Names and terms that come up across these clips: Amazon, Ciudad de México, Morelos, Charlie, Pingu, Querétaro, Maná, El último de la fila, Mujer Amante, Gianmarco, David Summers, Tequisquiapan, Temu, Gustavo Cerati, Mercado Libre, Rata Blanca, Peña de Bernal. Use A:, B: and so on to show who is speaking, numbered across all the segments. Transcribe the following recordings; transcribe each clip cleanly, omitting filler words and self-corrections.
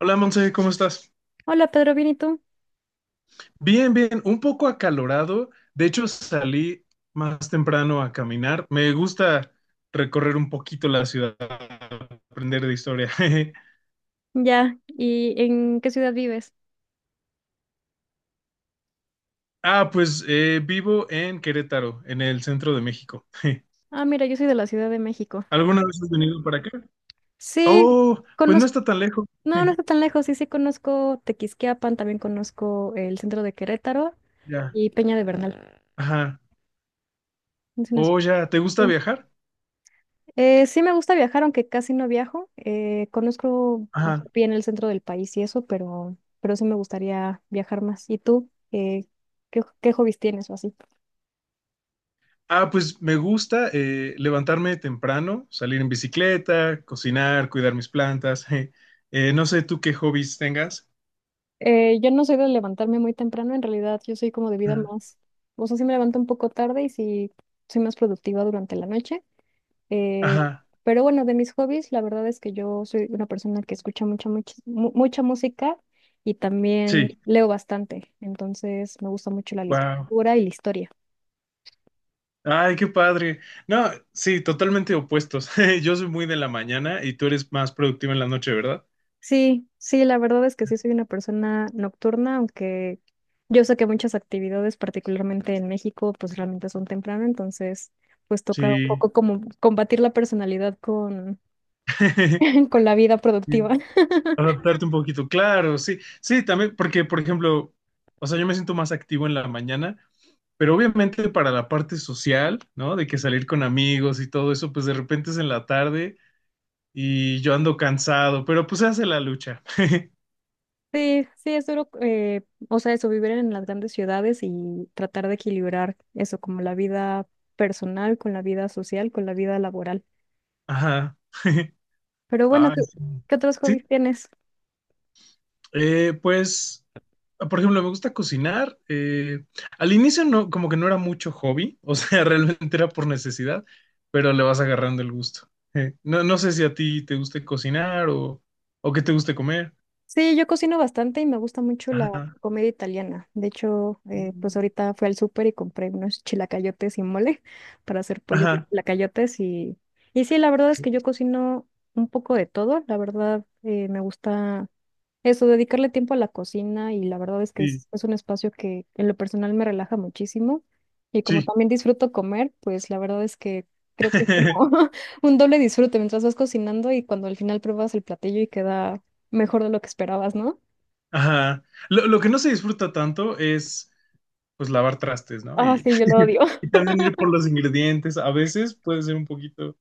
A: Hola Monse, ¿cómo estás?
B: Hola Pedro, ¿bien y tú?
A: Bien, bien, un poco acalorado. De hecho, salí más temprano a caminar. Me gusta recorrer un poquito la ciudad, aprender de historia.
B: Ya, ¿y en qué ciudad vives?
A: Ah, pues vivo en Querétaro, en el centro de México.
B: Ah, mira, yo soy de la Ciudad de México.
A: ¿Alguna vez has venido para acá?
B: Sí,
A: Oh, pues no
B: conozco,
A: está tan lejos.
B: no, no está tan lejos, sí, sí conozco Tequisquiapan, también conozco el centro de Querétaro
A: Ya,
B: y Peña de Bernal.
A: ajá.
B: Es una
A: Oh,
B: ciudad-
A: ya, ¿te gusta
B: Sí.
A: viajar?
B: Sí me gusta viajar, aunque casi no viajo. Conozco pues,
A: Ajá.
B: bien el centro del país y eso, pero sí me gustaría viajar más. ¿Y tú? ¿Qué hobbies tienes o así?
A: Ah, pues me gusta levantarme temprano, salir en bicicleta, cocinar, cuidar mis plantas. No sé tú qué hobbies tengas.
B: Yo no soy de levantarme muy temprano, en realidad yo soy como de vida
A: Ah,
B: más, o sea, sí me levanto un poco tarde y sí soy más productiva durante la noche. eh,
A: ajá,
B: pero bueno, de mis hobbies, la verdad es que yo soy una persona que escucha mucha, mucha, mucha música y también
A: sí,
B: leo bastante, entonces me gusta mucho la
A: wow.
B: literatura y la historia.
A: Ay, qué padre. No, sí, totalmente opuestos. Yo soy muy de la mañana y tú eres más productivo en la noche, ¿verdad?
B: Sí, sí, la verdad es que sí soy una persona nocturna, aunque yo sé que muchas actividades, particularmente en México, pues realmente son temprano, entonces pues toca un
A: Sí.
B: poco como combatir la personalidad con, con la vida productiva.
A: Adaptarte un poquito, claro, sí. Sí, también, porque, por ejemplo, o sea, yo me siento más activo en la mañana. Pero obviamente para la parte social, ¿no? De que salir con amigos y todo eso, pues de repente es en la tarde y yo ando cansado, pero pues se hace la lucha.
B: Sí, sí, es duro, o sea, eso, vivir en las grandes ciudades y tratar de equilibrar eso, como la vida personal con la vida social, con la vida laboral.
A: Ajá.
B: Pero bueno,
A: Ay, sí.
B: ¿qué otros hobbies
A: Sí,
B: tienes?
A: pues, por ejemplo, me gusta cocinar. Al inicio no, como que no era mucho hobby, o sea, realmente era por necesidad, pero le vas agarrando el gusto. No, no sé si a ti te guste cocinar o qué te guste comer.
B: Sí, yo cocino bastante y me gusta mucho la
A: Ajá.
B: comida italiana. De hecho, pues ahorita fui al súper y compré unos chilacayotes y mole para hacer pollo con
A: Ajá,
B: chilacayotes y sí, la verdad es que yo cocino un poco de todo. La verdad, me gusta eso, dedicarle tiempo a la cocina y la verdad es que
A: sí,
B: es un espacio que en lo personal me relaja muchísimo y como
A: sí.
B: también disfruto comer, pues la verdad es que creo que es como un doble disfrute mientras vas cocinando y cuando al final pruebas el platillo y queda mejor de lo que esperabas, ¿no?
A: Ajá. Lo que no se disfruta tanto es, pues, lavar trastes, ¿no?
B: Ah, sí, yo lo odio.
A: Y también ir por los ingredientes. A veces puede ser un poquito,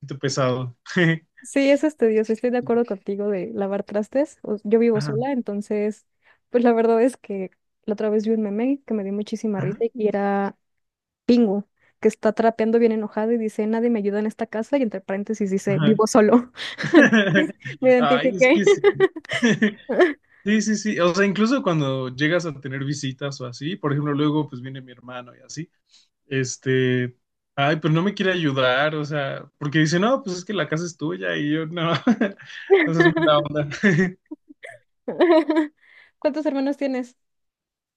A: poquito pesado.
B: Sí, es estudioso, estoy de acuerdo contigo de lavar trastes. O- Yo vivo
A: Ajá,
B: sola, entonces, pues la verdad es que la otra vez vi un meme que me dio muchísima
A: ajá,
B: risa y era Pingu, que está trapeando bien enojado y dice, nadie me ayuda en esta casa, y entre paréntesis dice,
A: ajá.
B: vivo solo. Me
A: Ay, es
B: identifiqué.
A: que sí. Sí, sí, sí. O sea, incluso cuando llegas a tener visitas o así, por ejemplo, luego pues viene mi hermano y así, este, ay, pues no me quiere ayudar, o sea, porque dice, no, pues es que la casa es tuya y yo no, entonces mala onda.
B: ¿Cuántos hermanos tienes?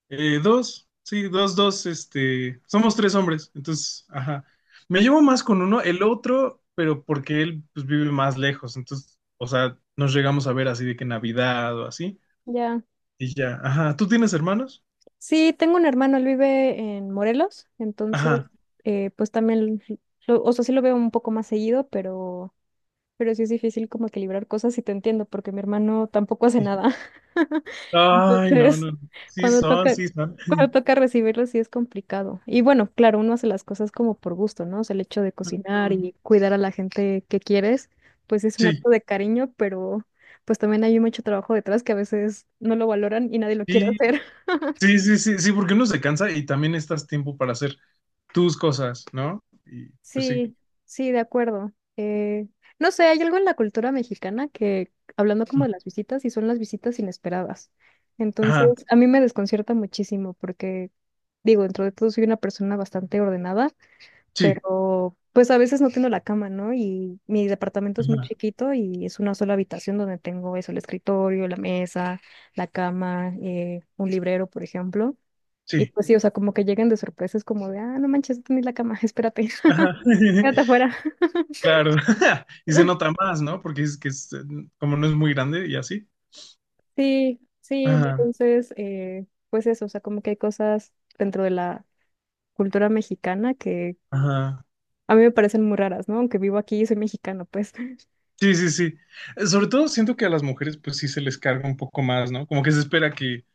A: Dos, sí, dos, dos, este, somos tres hombres, entonces, ajá. Me llevo más con uno, el otro, pero porque él pues, vive más lejos, entonces, o sea, nos llegamos a ver así de que Navidad o así,
B: Ya.
A: y ya, ajá. ¿Tú tienes hermanos?
B: Sí, tengo un hermano, él vive en Morelos, entonces,
A: Ajá,
B: pues también, lo- o sea, sí lo veo un poco más seguido, pero sí es difícil como equilibrar cosas y te entiendo, porque mi hermano tampoco hace
A: sí.
B: nada.
A: Ay, no,
B: Entonces,
A: no, sí
B: cuando
A: son,
B: toca,
A: sí son.
B: cuando toca recibirlo, sí es complicado. Y bueno, claro, uno hace las cosas como por gusto, ¿no? O sea, el hecho de cocinar y cuidar a la gente que quieres, pues es un
A: Sí,
B: acto de cariño, pero pues también hay mucho trabajo detrás que a veces no lo valoran y nadie lo quiere
A: sí,
B: hacer.
A: sí, sí, sí, sí, porque uno se cansa y también estás tiempo para hacer tus cosas, ¿no? Y pues sí.
B: Sí, sí, de acuerdo. Eh, no sé, hay algo en la cultura mexicana que, hablando como de las visitas, y son las visitas inesperadas.
A: Ajá,
B: Entonces, a mí me desconcierta muchísimo porque, digo, dentro de todo soy una persona bastante ordenada,
A: sí,
B: pero pues a veces no tengo la cama, ¿no? Y mi departamento es muy
A: ajá,
B: chiquito y es una sola habitación donde tengo eso, el escritorio, la mesa, la cama, un librero, por ejemplo. Y
A: sí,
B: pues sí, o sea, como que llegan de sorpresas como de, ah, no manches, no tenés la cama, espérate.
A: ajá.
B: Quédate afuera.
A: Claro, y se nota más, ¿no? Porque es que es, como no es muy grande y así.
B: Sí, sí,
A: Ajá,
B: entonces, pues eso, o sea, como que hay cosas dentro de la cultura mexicana que
A: ajá.
B: a mí me parecen muy raras, ¿no? Aunque vivo aquí y soy mexicano, pues.
A: Sí, sí, sí. Sobre todo siento que a las mujeres pues sí se les carga un poco más, ¿no? Como que se espera que,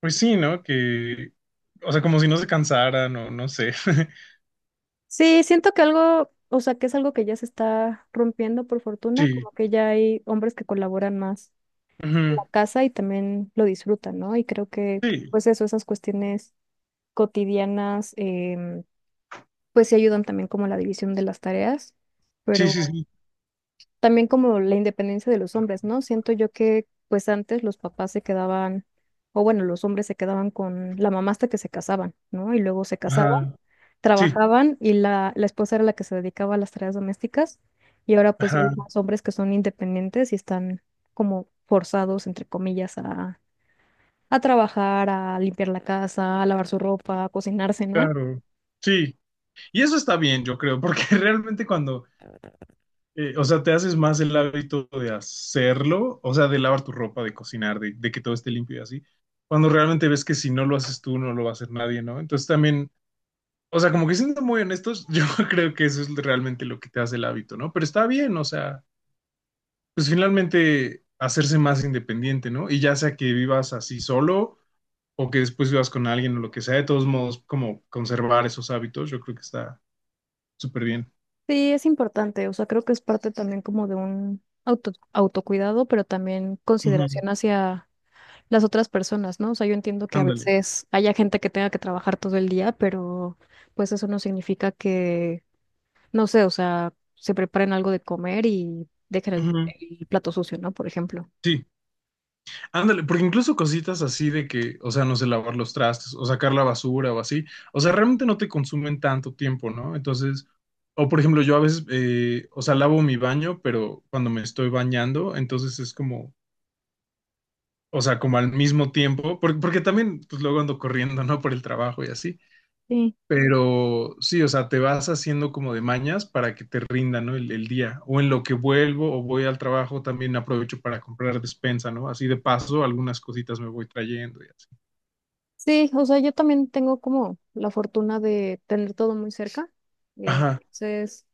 A: pues sí, ¿no? Que, o sea, como si no se cansaran o no sé.
B: Sí, siento que algo, o sea, que es algo que ya se está rompiendo por fortuna,
A: Sí,
B: como que ya hay hombres que colaboran más en
A: ujú,
B: la casa y también lo disfrutan, ¿no? Y creo que,
A: sí,
B: pues eso, esas cuestiones cotidianas, pues sí ayudan también como a la división de las tareas,
A: sí, sí,
B: pero
A: sí.
B: también como la independencia de los hombres, ¿no? Siento yo que pues antes los papás se quedaban, o bueno, los hombres se quedaban con la mamá hasta que se casaban, ¿no? Y luego se casaban,
A: Ajá, sí,
B: trabajaban y la esposa era la que se dedicaba a las tareas domésticas. Y ahora pues ya hay
A: ajá,
B: más hombres que son independientes y están como forzados, entre comillas, a trabajar, a limpiar la casa, a lavar su ropa, a cocinarse, ¿no?
A: claro. Sí, y eso está bien, yo creo, porque realmente cuando o sea, te haces más el hábito de hacerlo, o sea, de lavar tu ropa, de cocinar, de que todo esté limpio y así, cuando realmente ves que si no lo haces tú, no lo va a hacer nadie, ¿no? Entonces también, o sea, como que siendo muy honestos, yo creo que eso es realmente lo que te hace el hábito, ¿no? Pero está bien, o sea, pues finalmente hacerse más independiente, ¿no? Y ya sea que vivas así solo o que después vivas con alguien o lo que sea, de todos modos, como conservar esos hábitos, yo creo que está súper bien.
B: Sí, es importante, o sea, creo que es parte también como de un auto, autocuidado, pero también
A: Ujú,
B: consideración hacia las otras personas, ¿no? O sea, yo entiendo que a
A: ándale.
B: veces haya gente que tenga que trabajar todo el día, pero pues eso no significa que, no sé, o sea, se preparen algo de comer y dejen
A: Ujú,
B: el plato sucio, ¿no? Por ejemplo.
A: sí. Ándale, porque incluso cositas así de que, o sea, no sé, lavar los trastes o sacar la basura o así, o sea, realmente no te consumen tanto tiempo, ¿no? Entonces, o por ejemplo, yo a veces, o sea, lavo mi baño, pero cuando me estoy bañando, entonces es como, o sea, como al mismo tiempo, porque, porque también, pues luego ando corriendo, ¿no? Por el trabajo y así.
B: Sí.
A: Pero sí, o sea, te vas haciendo como de mañas para que te rinda, ¿no? El día. O en lo que vuelvo o voy al trabajo, también aprovecho para comprar despensa, ¿no? Así de paso, algunas cositas me voy trayendo y así.
B: Sí, o sea, yo también tengo como la fortuna de tener todo muy cerca. eh,
A: Ajá,
B: Entonces...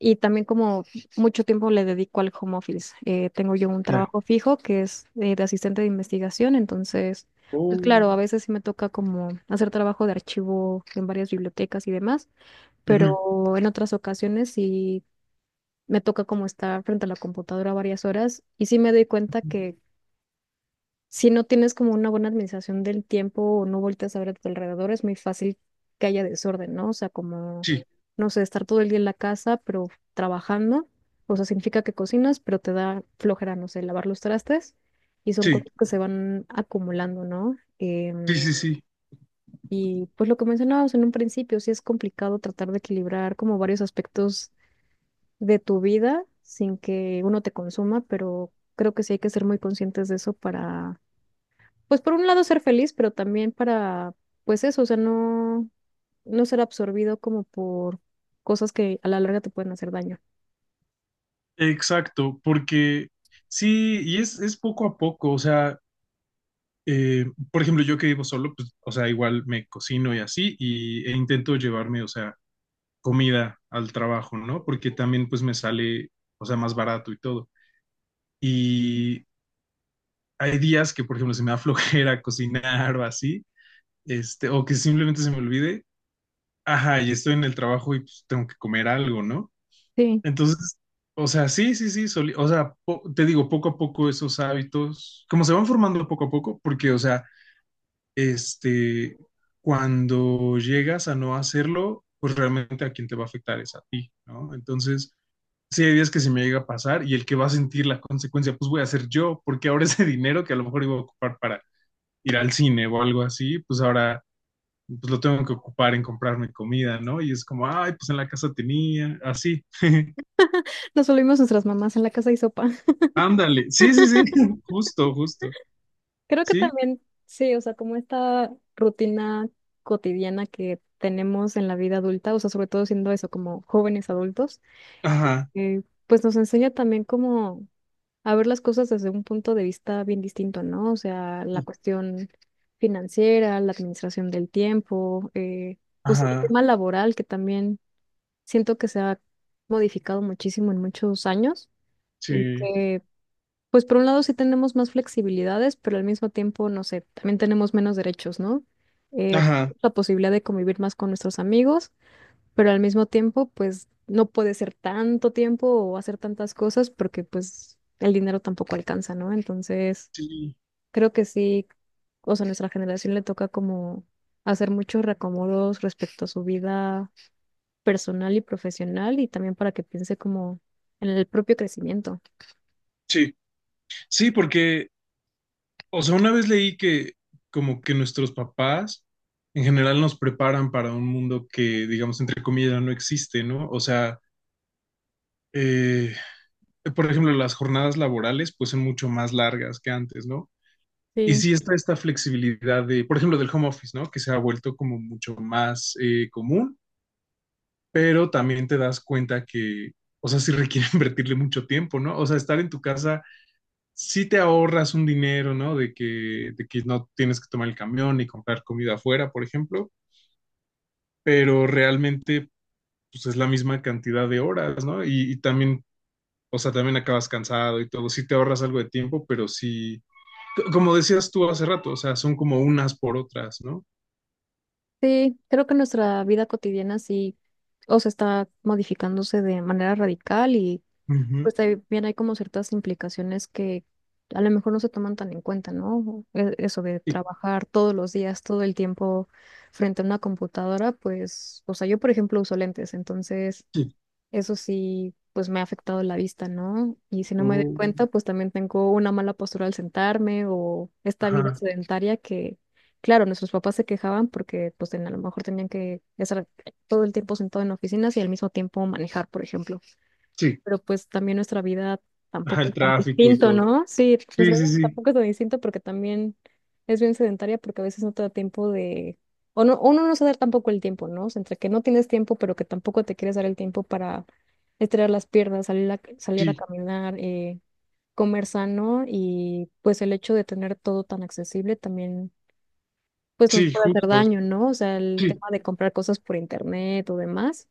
B: Y también como mucho tiempo le dedico al home office. Tengo yo un
A: ya.
B: trabajo fijo que es de asistente de investigación, entonces, pues
A: Oh,
B: claro, a veces sí me toca como hacer trabajo de archivo en varias bibliotecas y demás,
A: ujú.
B: pero en otras ocasiones sí me toca como estar frente a la computadora varias horas y sí me doy cuenta que si no tienes como una buena administración del tiempo o no volteas a ver a tu alrededor, es muy fácil que haya desorden, ¿no? O sea, como,
A: Sí,
B: no sé, estar todo el día en la casa, pero trabajando, o sea, significa que cocinas, pero te da flojera, no sé, lavar los trastes y son
A: sí,
B: cosas que se van acumulando, ¿no?
A: sí, sí, sí,
B: Y pues lo que mencionábamos en un principio, sí es complicado tratar de equilibrar como varios aspectos de tu vida sin que uno te consuma, pero creo que sí hay que ser muy conscientes de eso para pues por un lado ser feliz, pero también para, pues eso, o sea, no, no ser absorbido como por cosas que a la larga te pueden hacer daño.
A: exacto, porque sí, y es poco a poco, o sea, por ejemplo, yo que vivo solo, pues, o sea, igual me cocino y así, e intento llevarme, o sea, comida al trabajo, ¿no? Porque también pues me sale, o sea, más barato y todo. Y hay días que, por ejemplo, se me da flojera cocinar o así, este, o que simplemente se me olvide, ajá, y estoy en el trabajo y pues, tengo que comer algo, ¿no?
B: Sí,
A: Entonces, o sea, sí, sí, sí, o sea, te digo, poco a poco esos hábitos, como se van formando poco a poco, porque, o sea, este, cuando llegas a no hacerlo, pues realmente a quien te va a afectar es a ti, ¿no? Entonces, sí hay días que se me llega a pasar y el que va a sentir la consecuencia, pues voy a ser yo, porque ahora ese dinero que a lo mejor iba a ocupar para ir al cine o algo así, pues ahora pues lo tengo que ocupar en comprarme comida, ¿no? Y es como, ay, pues en la casa tenía, así.
B: nos volvimos nuestras mamás en la casa y sopa.
A: Ándale, sí, sí, sí, justo, justo,
B: Creo que
A: ¿sí?
B: también, sí, o sea, como esta rutina cotidiana que tenemos en la vida adulta, o sea, sobre todo siendo eso, como jóvenes adultos,
A: Ajá,
B: eh, pues nos enseña también como a ver las cosas desde un punto de vista bien distinto, ¿no? O sea, la cuestión financiera, la administración del tiempo, pues sí, el
A: ajá,
B: tema laboral que también siento que se ha modificado muchísimo en muchos años y
A: sí,
B: que, pues por un lado sí tenemos más flexibilidades, pero al mismo tiempo, no sé, también tenemos menos derechos, ¿no? Eh,
A: ajá,
B: la posibilidad de convivir más con nuestros amigos pero al mismo tiempo, pues no puede ser tanto tiempo o hacer tantas cosas porque pues el dinero tampoco alcanza, ¿no? Entonces,
A: sí,
B: creo que sí, o sea, a nuestra generación le toca como hacer muchos reacomodos respecto a su vida personal y profesional y también para que piense como en el propio crecimiento.
A: sí, sí, porque o sea, una vez leí que como que nuestros papás en general nos preparan para un mundo que, digamos, entre comillas, no existe, ¿no? O sea, eh, por ejemplo, las jornadas laborales pues son mucho más largas que antes, ¿no? Y
B: Sí,
A: sí está esta flexibilidad de, por ejemplo, del home office, ¿no? Que se ha vuelto como mucho más común, pero también te das cuenta que, o sea, sí requiere invertirle mucho tiempo, ¿no? O sea, estar en tu casa sí te ahorras un dinero, ¿no? De que no tienes que tomar el camión y comprar comida afuera, por ejemplo, pero realmente pues es la misma cantidad de horas, ¿no? Y también, o sea, también acabas cansado y todo, sí te ahorras algo de tiempo, pero sí, como decías tú hace rato, o sea, son como unas por otras, ¿no?
B: sí, creo que nuestra vida cotidiana sí, o sea, está modificándose de manera radical
A: Ujú.
B: pues también hay como ciertas implicaciones que a lo mejor no se toman tan en cuenta, ¿no? E- Eso de
A: Sí.
B: trabajar todos los días, todo el tiempo frente a una computadora, pues, o sea, yo por ejemplo uso lentes, entonces
A: y-
B: eso sí, pues me ha afectado la vista, ¿no? Y si no me doy
A: oh,
B: cuenta, pues también tengo una mala postura al sentarme o esta vida
A: ajá,
B: sedentaria que... Claro, nuestros papás se quejaban porque pues ten- a lo mejor tenían que estar todo el tiempo sentado en oficinas y al mismo tiempo manejar, por ejemplo
A: sí,
B: pero pues también nuestra vida
A: ajá,
B: tampoco
A: el
B: es tan
A: tráfico y
B: distinto,
A: todo.
B: ¿no? Sí,
A: Sí,
B: nuestra
A: sí,
B: vida
A: sí,
B: tampoco es tan distinto porque también es bien sedentaria porque a veces no te da tiempo de, o no, uno no se da tampoco el tiempo, ¿no? O sea, entre que no tienes tiempo, pero que tampoco te quieres dar el tiempo para estirar las piernas, salir a
A: sí,
B: caminar, comer sano y pues el hecho de tener todo tan accesible también pues nos
A: sí,
B: puede hacer
A: justo,
B: daño, ¿no? O sea, el
A: sí,
B: tema de comprar cosas por internet o demás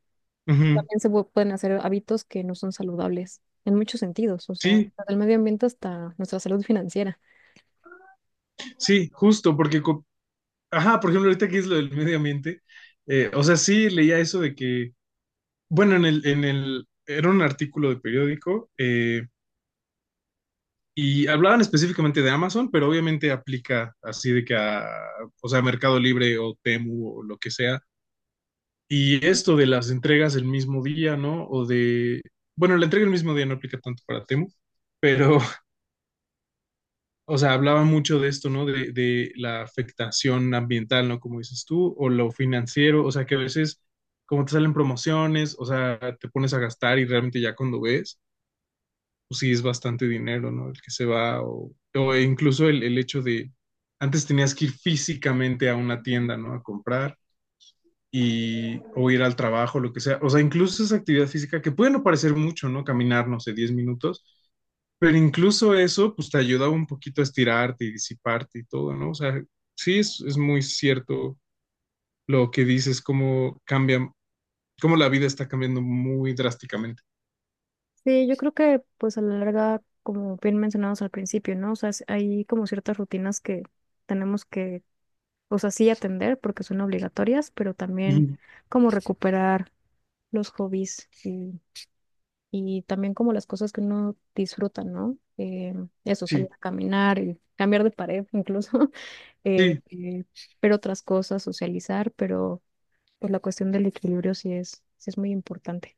A: ujú,
B: también pueden hacer hábitos que no son saludables en muchos sentidos, o sea,
A: sí,
B: desde el medio ambiente hasta nuestra salud financiera.
A: sí, justo, porque ajá, por ejemplo, ahorita que es lo del medio ambiente, o sea, sí leía eso de que, bueno, era un artículo de periódico y hablaban específicamente de Amazon, pero obviamente aplica así de que a, o sea, Mercado Libre o Temu o lo que sea. Y esto de las entregas el mismo día, ¿no? O de, bueno, la entrega el mismo día no aplica tanto para Temu, pero o sea, hablaba mucho de esto, ¿no? De la afectación ambiental, ¿no? Como dices tú, o lo financiero, o sea, que a veces, como te salen promociones, o sea, te pones a gastar y realmente ya cuando ves, pues sí es bastante dinero, ¿no? El que se va, o incluso el hecho de, antes tenías que ir físicamente a una tienda, ¿no? A comprar, y, o ir al trabajo, lo que sea. O sea, incluso esa actividad física, que puede no parecer mucho, ¿no? Caminar, no sé, 10 minutos, pero incluso eso, pues te ayuda un poquito a estirarte y disiparte y todo, ¿no? O sea, sí es muy cierto lo que dices, cómo cambia, cómo la vida está cambiando muy drásticamente.
B: Sí, yo creo que pues a la larga, como bien mencionados al principio, ¿no? O sea, es- hay como ciertas rutinas que tenemos que, o sea, sí atender porque son obligatorias, pero también
A: Ujú.
B: como recuperar los hobbies y también como las cosas que uno disfruta, ¿no? Eso, salir
A: Sí,
B: a caminar y cambiar de pared incluso, eh,
A: sí,
B: eh, ver otras cosas, socializar, pero pues la cuestión del equilibrio sí sí es muy importante.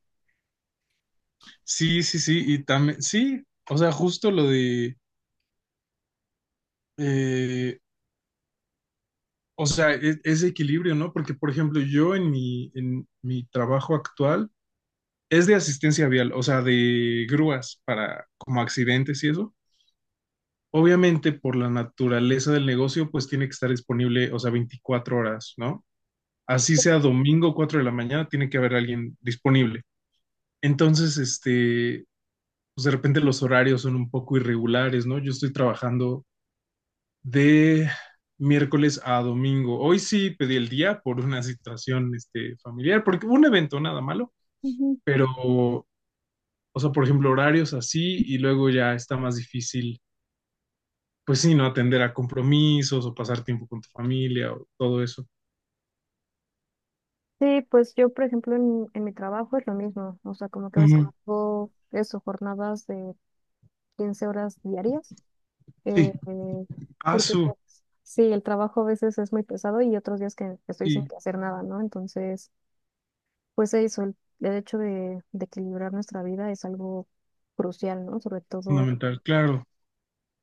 A: sí, sí, sí, y también, sí, o sea, justo lo de, eh, o sea, ese equilibrio, ¿no? Porque, por ejemplo, yo en mi trabajo actual, es de asistencia vial, o sea, de grúas para como accidentes y eso. Obviamente, por la naturaleza del negocio, pues tiene que estar disponible, o sea, 24 horas, ¿no? Así sea domingo 4 de la mañana, tiene que haber alguien disponible. Entonces, este, pues de repente los horarios son un poco irregulares, ¿no? Yo estoy trabajando de miércoles a domingo. Hoy sí pedí el día por una situación, este, familiar, porque hubo un evento nada malo,
B: Ujú.
A: pero o sea, por ejemplo, horarios así y luego ya está más difícil, pues sí, no atender a compromisos o pasar tiempo con tu familia o todo eso.
B: Sí, pues yo, por ejemplo, en mi trabajo es lo mismo, o sea, como que ves,
A: Ujú,
B: hago eso, jornadas de 15 horas diarias, eh,
A: sí,
B: porque
A: ASU,
B: pues sí, el trabajo a veces es muy pesado y otros días que estoy sin
A: sí,
B: que hacer nada, ¿no? Entonces, pues eso, el hecho de equilibrar nuestra vida es algo crucial, ¿no? Sobre todo,
A: fundamental, claro,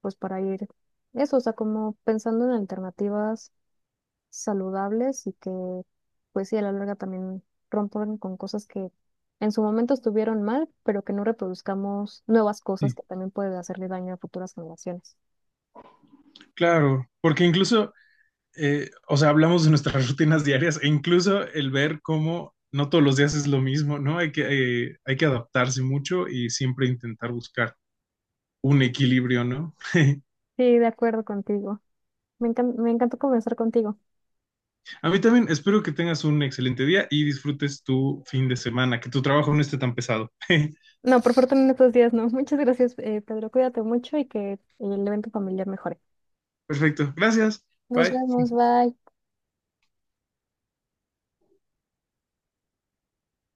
B: pues para ir, eso, o sea, como pensando en alternativas saludables y que, pues sí, a la larga también rompan con cosas que en su momento estuvieron mal, pero que no reproduzcamos nuevas cosas
A: sí,
B: que también pueden hacerle daño a futuras generaciones.
A: claro, porque incluso, o sea, hablamos de nuestras rutinas diarias e incluso el ver cómo no todos los días es lo mismo, ¿no? Hay que adaptarse mucho y siempre intentar buscar un equilibrio, ¿no?
B: Sí, de acuerdo contigo. Me encan- me encantó conversar contigo.
A: A mí también, espero que tengas un excelente día y disfrutes tu fin de semana, que tu trabajo no esté tan pesado.
B: No, por fortuna en estos días no. Muchas gracias, Pedro. Cuídate mucho y que el evento familiar mejore.
A: Perfecto, gracias.
B: Nos
A: Bye.
B: vemos, bye.